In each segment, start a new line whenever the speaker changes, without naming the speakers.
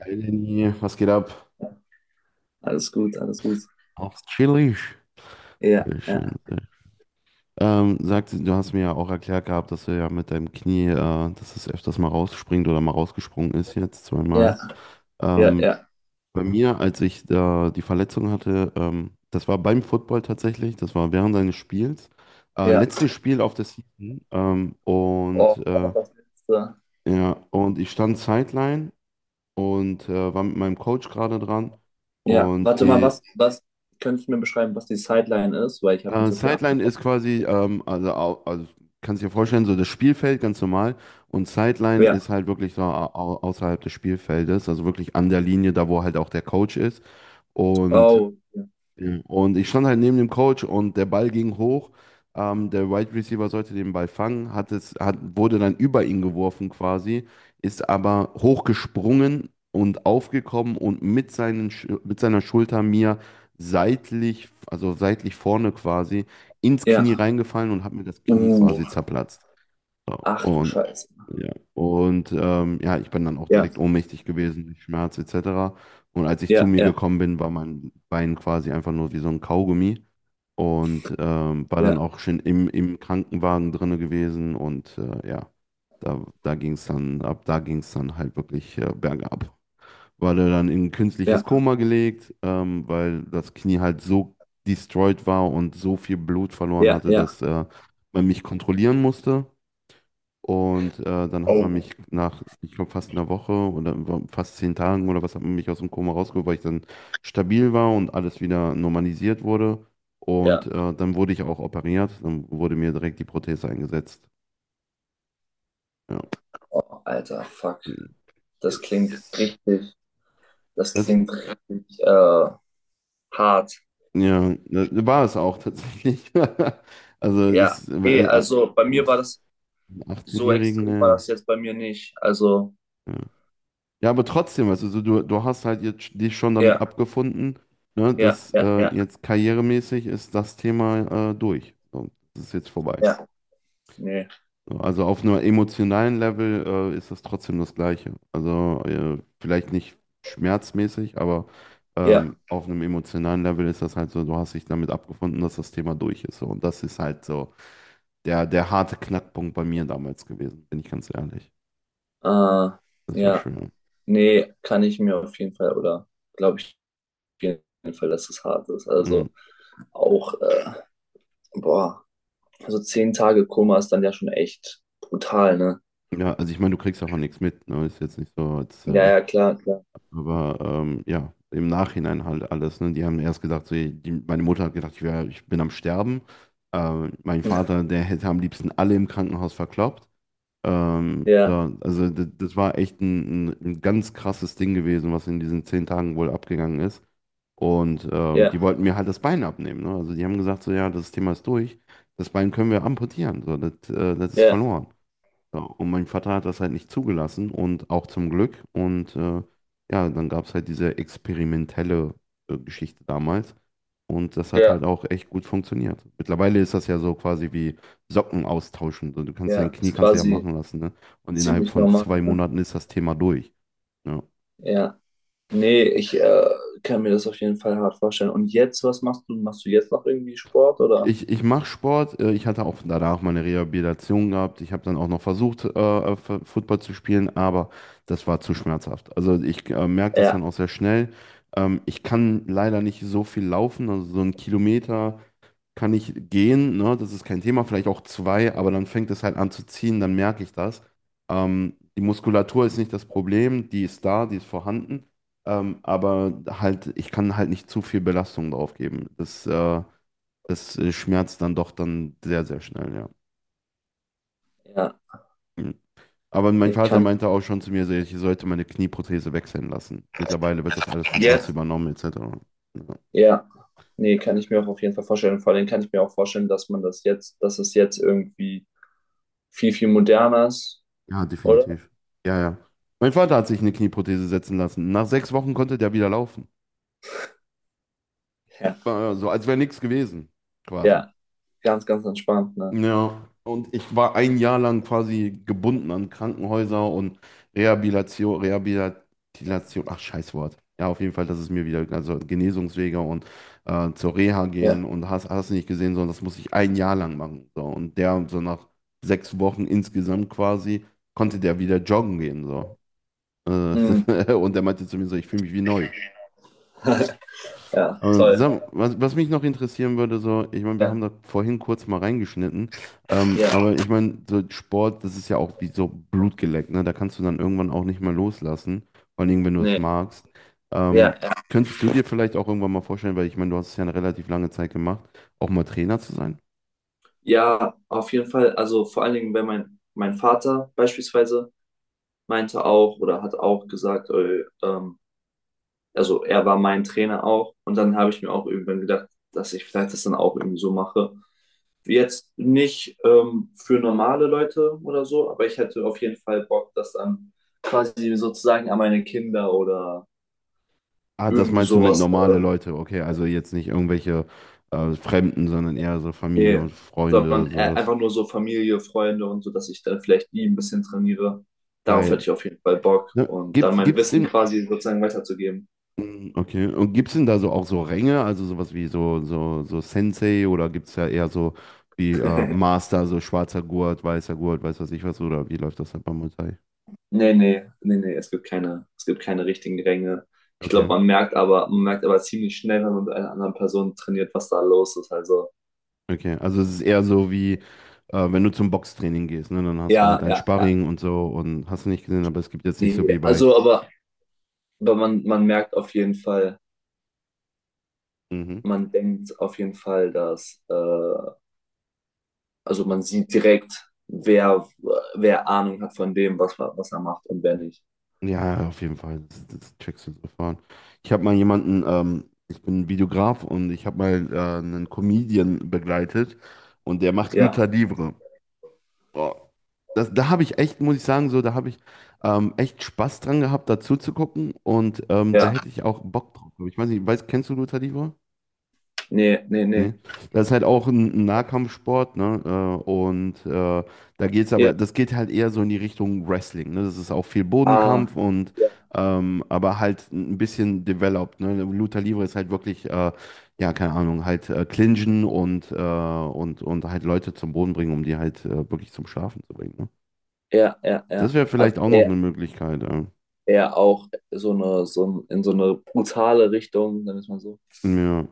Hey Lenny, was geht ab?
Alles gut, alles gut.
Aufs Chili.
Ja,
Sehr
ja,
schön, sehr schön. Sag, du hast mir ja auch erklärt gehabt, dass du ja mit deinem Knie, dass es öfters mal rausspringt oder mal rausgesprungen ist, jetzt
ja,
zweimal.
ja,
Ähm,
ja,
Bei mir, als ich da die Verletzung hatte, das war beim Football tatsächlich, das war während seines Spiels.
ja.
Letztes Spiel auf der Season.
Oh, war noch das letzte.
Ja, und ich stand Sideline und war mit meinem Coach gerade dran.
Ja,
Und
warte mal,
die,
was könntest du mir beschreiben, was die Sideline ist? Weil ich habe nicht so viel Ahnung.
Sideline ist quasi, also kannst dir vorstellen, so das Spielfeld ganz normal. Und Sideline ist
Ja.
halt wirklich so außerhalb des Spielfeldes, also wirklich an der Linie, da wo halt auch der Coach ist. Und
Oh, ja.
ja. Und ich stand halt neben dem Coach und der Ball ging hoch. Der Wide Receiver sollte den Ball fangen, wurde dann über ihn geworfen quasi, ist aber hochgesprungen und aufgekommen und mit mit seiner Schulter mir seitlich, also seitlich vorne quasi, ins
Ja.
Knie reingefallen und hat mir das Knie quasi
Uh,
zerplatzt.
Ach du
Und
Scheiße.
ja, ja, ich bin dann auch
Ja,
direkt ohnmächtig gewesen durch Schmerz etc. Und als ich zu
ja,
mir
ja,
gekommen bin, war mein Bein quasi einfach nur wie so ein Kaugummi und war dann
ja,
auch schon im Krankenwagen drinne gewesen, und ja, da, da ging es dann, ab da ging es dann halt wirklich bergab. Wurde dann in ein
ja,
künstliches Koma gelegt, weil das Knie halt so destroyed war und so viel Blut verloren
ja,
hatte,
ja.
dass man mich kontrollieren musste. Und äh, Dann hat man
Oh,
mich nach, ich glaube, fast einer Woche oder fast zehn Tagen oder was, hat man mich aus dem Koma rausgeholt, weil ich dann stabil war und alles wieder normalisiert wurde.
ja.
Dann wurde ich auch operiert. Dann wurde mir direkt die Prothese eingesetzt. Ja.
Oh, Alter, fuck. Das klingt
Yes.
richtig, das
Das,
klingt richtig, äh, hart.
ja, das war es auch tatsächlich. Also
Ja.
ist
Nee, also bei mir war das so
18-Jährigen,
extrem, war
ne.
das jetzt bei mir nicht. Also,
Ja, aber trotzdem, also so, du hast halt jetzt dich schon damit
ja,
abgefunden, ne,
ja,
dass
ja, ja.
jetzt karrieremäßig ist das Thema durch. So, das ist jetzt vorbei.
Ja, nee,
So. Also auf einem emotionalen Level ist das trotzdem das Gleiche. Also vielleicht nicht schmerzmäßig, aber
ja,
auf einem emotionalen Level ist das halt so, du hast dich damit abgefunden, dass das Thema durch ist. So. Und das ist halt so der, der harte Knackpunkt bei mir damals gewesen, bin ich ganz ehrlich.
äh,
Das war
ja,
schön.
nee, kann ich mir auf jeden Fall oder glaube ich auf jeden Fall, dass es hart ist.
Mhm.
Also auch, boah, also 10 Tage Koma ist dann ja schon echt brutal, ne?
Ja, also ich meine, du kriegst davon nichts mit, ne? Ist jetzt nicht so,
Ja, ja, klar, klar.
aber ja, im Nachhinein halt alles, ne? Die haben erst gedacht, so, die, meine Mutter hat gedacht, ich bin am Sterben. Mein Vater, der hätte am liebsten alle im Krankenhaus verkloppt.
Ja,
Also das, das war echt ein ganz krasses Ding gewesen, was in diesen zehn Tagen wohl abgegangen ist. Die
ja,
wollten mir halt das Bein abnehmen, ne? Also die haben gesagt, so ja, das Thema ist durch, das Bein können wir amputieren, so, das ist
ja,
verloren. Ja, und mein Vater hat das halt nicht zugelassen und auch zum Glück. Ja, dann gab es halt diese experimentelle Geschichte damals. Und das hat
ja,
halt auch echt gut funktioniert. Mittlerweile ist das ja so quasi wie Socken austauschen. So. Du kannst
ja,
dein Knie
ist
kannst du ja
quasi
machen lassen, ne? Und innerhalb
ziemlich
von
normal,
zwei
ne?
Monaten ist das Thema durch. Ja.
Ja, nee, ich kann mir das auf jeden Fall hart vorstellen. Und jetzt, was machst du? Machst du jetzt noch irgendwie Sport oder?
Ich mache Sport. Ich hatte auch danach meine Rehabilitation gehabt. Ich habe dann auch noch versucht, Football zu spielen, aber das war zu schmerzhaft. Also ich merke das dann auch
Ja,
sehr schnell. Ich kann leider nicht so viel laufen. Also so einen Kilometer kann ich gehen, ne? Das ist kein Thema. Vielleicht auch zwei, aber dann fängt es halt an zu ziehen, dann merke ich das. Die Muskulatur ist nicht das Problem. Die ist da, die ist vorhanden. Aber halt, ich kann halt nicht zu viel Belastung drauf geben. Das schmerzt dann doch dann sehr, sehr schnell, ja.
ja,
Mhm. Aber mein
nee,
Vater
kann
meinte auch schon zu mir, so, ich sollte meine Knieprothese wechseln lassen. Mittlerweile wird das alles
ich.
vom Arzt
Jetzt.
übernommen, etc. Ja,
Ja, nee, kann ich mir auch auf jeden Fall vorstellen. Vor allem kann ich mir auch vorstellen, dass man dass es jetzt irgendwie viel, viel moderner ist,
ja,
oder?
definitiv. Ja, ja. Mein Vater hat sich eine Knieprothese setzen lassen. Nach sechs Wochen konnte der wieder laufen.
Ja,
War so, als wäre nichts gewesen, quasi.
ja, ganz, ganz entspannt, ne?
Ja, und ich war ein Jahr lang quasi gebunden an Krankenhäuser und Rehabilitation, Rehabilitation, ach Scheißwort. Ja, auf jeden Fall, dass es mir wieder, also Genesungswege und zur Reha gehen
Ja.
und hast, hast nicht gesehen, sondern das muss ich ein Jahr lang machen. So. Und der, so nach sechs Wochen insgesamt quasi, konnte der wieder joggen gehen. So.
Mm.
Und der meinte zu mir so, ich fühle mich wie neu. Ja.
Ja,
Aber
toll.
sag, was, was mich noch interessieren würde, so, ich meine, wir
Ja,
haben da vorhin kurz mal reingeschnitten,
ja,
aber ich meine, so Sport, das ist ja auch wie so Blutgeleckt, ne? Da kannst du dann irgendwann auch nicht mehr loslassen, vor allem wenn du es
nee,
magst.
ja,
Ähm,
ja.
Könntest du dir vielleicht auch irgendwann mal vorstellen, weil ich meine, du hast es ja eine relativ lange Zeit gemacht, auch mal Trainer zu sein?
Ja, auf jeden Fall. Also vor allen Dingen, wenn mein Vater beispielsweise meinte auch oder hat auch gesagt, also er war mein Trainer auch. Und dann habe ich mir auch irgendwann gedacht, dass ich vielleicht das dann auch irgendwie so mache. Jetzt nicht für normale Leute oder so, aber ich hätte auf jeden Fall Bock, das dann quasi sozusagen an meine Kinder oder
Ah, das
irgendwie
meinst du mit
sowas.
normale Leute, okay, also jetzt nicht irgendwelche Fremden, sondern eher so Familie
Nee,
und
sondern
Freunde, sowas.
einfach nur so Familie, Freunde und so, dass ich dann vielleicht die ein bisschen trainiere. Darauf hätte
Geil.
ich auf jeden Fall Bock
Ne?
und dann mein Wissen quasi sozusagen weiterzugeben.
Mm, okay. Und gibt es denn da so auch so Ränge, also sowas wie so, so, so Sensei, oder gibt es ja eher so wie Master, so schwarzer Gurt, weißer Gurt, weiß was ich was, oder wie läuft das halt beim Muay Thai?
Nee, nee, nee, nee, es gibt keine richtigen Ränge. Ich glaube,
Okay,
man merkt aber ziemlich schnell, wenn man mit einer anderen Person trainiert, was da los ist. Also,
okay. Also es ist eher so wie, wenn du zum Boxtraining gehst, ne, dann hast du halt
ja,
ein
ja, ja.
Sparring und so und hast du nicht gesehen, aber es gibt jetzt nicht so wie
Nee,
bei.
also aber man merkt auf jeden Fall,
Mhm.
man denkt auf jeden Fall, also man sieht direkt, wer Ahnung hat von dem, was er macht und wer nicht.
Ja, auf jeden Fall. Das, das checkst du sofort. Ich habe mal jemanden, ich bin Videograf und ich habe mal einen Comedian begleitet und der macht
Ja,
Lucha Libre. Boah, das, da habe ich echt, muss ich sagen, so, da habe ich echt Spaß dran gehabt, dazu zu gucken und da
ja,
hätte ich auch Bock drauf. Ich weiß nicht, weiß, kennst du Luta Livre?
nee, nee, nee.
Nee. Das ist halt auch ein Nahkampfsport, ne? Da geht's aber,
Ja,
das geht halt eher so in die Richtung Wrestling, ne? Das ist auch viel
ah,
Bodenkampf und
ja,
aber halt ein bisschen developed, ne? Luta Livre ist halt wirklich, ja, keine Ahnung, halt clinchen und, und halt Leute zum Boden bringen, um die halt wirklich zum Schlafen zu bringen, ne?
ja, ja,
Das
ja.
wäre vielleicht
Also
auch noch
er,
eine Möglichkeit, ja.
er auch so eine, in so eine brutale Richtung, sagen wir es mal so.
Ja,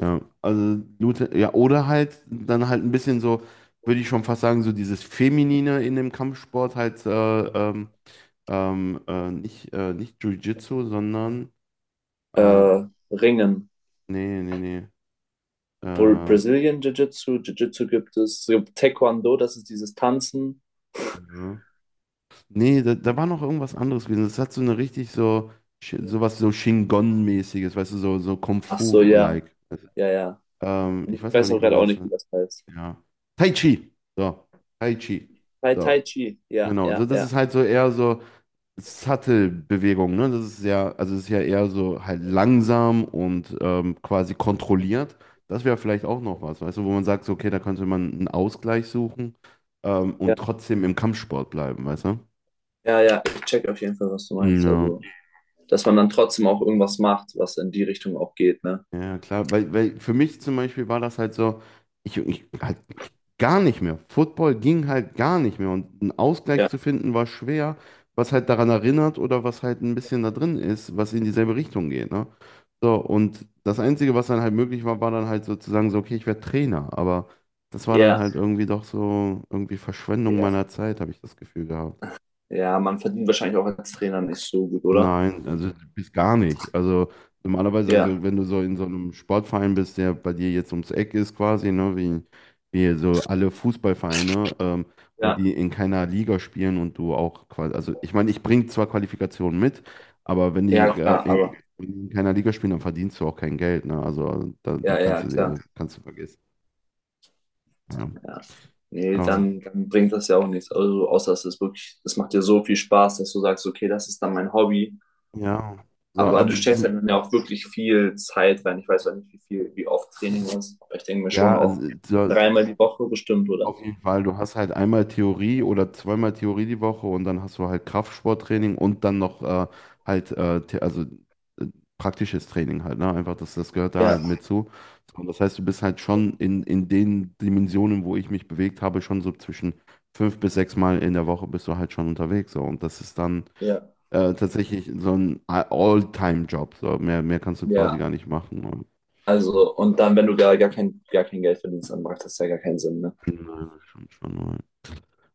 ja. Ja, oder halt dann halt ein bisschen so, würde ich schon fast sagen, so dieses Feminine in dem Kampfsport halt, nicht, nicht Jiu-Jitsu, sondern, äh,
Äh, Ringen.
nee, ja.
Brazilian Jiu-Jitsu, Jiu-Jitsu gibt es, es gibt Taekwondo, das ist dieses Tanzen.
Nee, da, da war noch irgendwas anderes gewesen. Das hat so eine richtig so, sowas so Shingon-mäßiges, weißt du, so, so Kung
Ach so, ja.
Fu-like.
Ja, ja, nee,
Ich
ich
weiß aber
weiß auch
nicht mehr,
gerade
wer
auch
das.
nicht, wie das heißt.
Ja. Tai Chi. So. Tai Chi.
Tai
So.
Chi, ja,
Genau.
ja,
So, das
ja,
ist halt so eher so Sattelbewegung, ne? Das ist ja, also es ist ja eher so halt langsam und quasi kontrolliert. Das wäre vielleicht auch noch was, weißt du, wo man sagt, so, okay, da könnte man einen Ausgleich suchen
ja,
und trotzdem im Kampfsport bleiben, weißt du?
ja, ja, ich check auf jeden Fall, was du meinst.
Ja.
Also, dass man dann trotzdem auch irgendwas macht, was in die Richtung auch geht, ne?
Ja, klar, weil, weil für mich zum Beispiel war das halt so, gar nicht mehr. Football ging halt gar nicht mehr und einen Ausgleich
Ja,
zu finden war schwer, was halt daran erinnert oder was halt ein bisschen da drin ist, was in dieselbe Richtung geht, ne? So, und das Einzige, was dann halt möglich war, war dann halt sozusagen so, okay, ich werde Trainer, aber das war dann
ja,
halt irgendwie doch so irgendwie Verschwendung
ja,
meiner Zeit, habe ich das Gefühl gehabt.
ja, man verdient wahrscheinlich auch als Trainer nicht so gut, oder?
Nein, also bis gar nicht. Also normalerweise, also
Ja,
wenn du so in so einem Sportverein bist, der bei dir jetzt ums Eck ist quasi, wie so alle Fußballvereine, und
ja,
die in keiner Liga spielen und du auch quasi, also ich meine, ich bringe zwar Qualifikationen mit, aber wenn die
ja, klar, aber,
in keiner Liga spielen, dann verdienst du auch kein Geld, ne? Also da, da
ja,
kannst
ja,
du
klar,
dir, kannst du vergessen. Ja.
ja. Nee,
Aber,
dann bringt das ja auch nichts. Also, außer es ist wirklich, das macht dir so viel Spaß, dass du sagst, okay, das ist dann mein Hobby.
ja. So,
Aber du
aber,
steckst
so-
halt ja auch wirklich viel Zeit rein. Ich weiß auch nicht, wie oft Training ist. Aber ich denke mir
ja,
schon auch
also, so,
dreimal die Woche bestimmt, oder?
auf jeden Fall, du hast halt einmal Theorie oder zweimal Theorie die Woche und dann hast du halt Kraftsporttraining und dann noch halt äh, The- also äh, praktisches Training halt, ne? Einfach, das, das gehört da
Ja,
halt mit zu. So. Und das heißt, du bist halt schon in den Dimensionen, wo ich mich bewegt habe, schon so zwischen fünf bis sechs Mal in der Woche bist du halt schon unterwegs. So. Und das ist dann
ja,
tatsächlich so ein All-Time-Job. So. Mehr, mehr kannst du quasi
ja.
gar nicht machen. Und,
Also, und dann, wenn du gar kein Geld verdienst, dann macht das ja gar keinen Sinn, ne?
nein, schon, schon.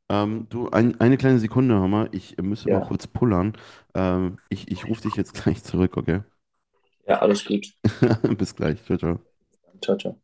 Eine kleine Sekunde, Hammer. Ich müsste mal
Ja,
kurz pullern. Ich ich rufe dich jetzt gleich zurück, okay?
ja, alles gut.
Bis gleich. Ciao, ciao.
Ciao, ciao.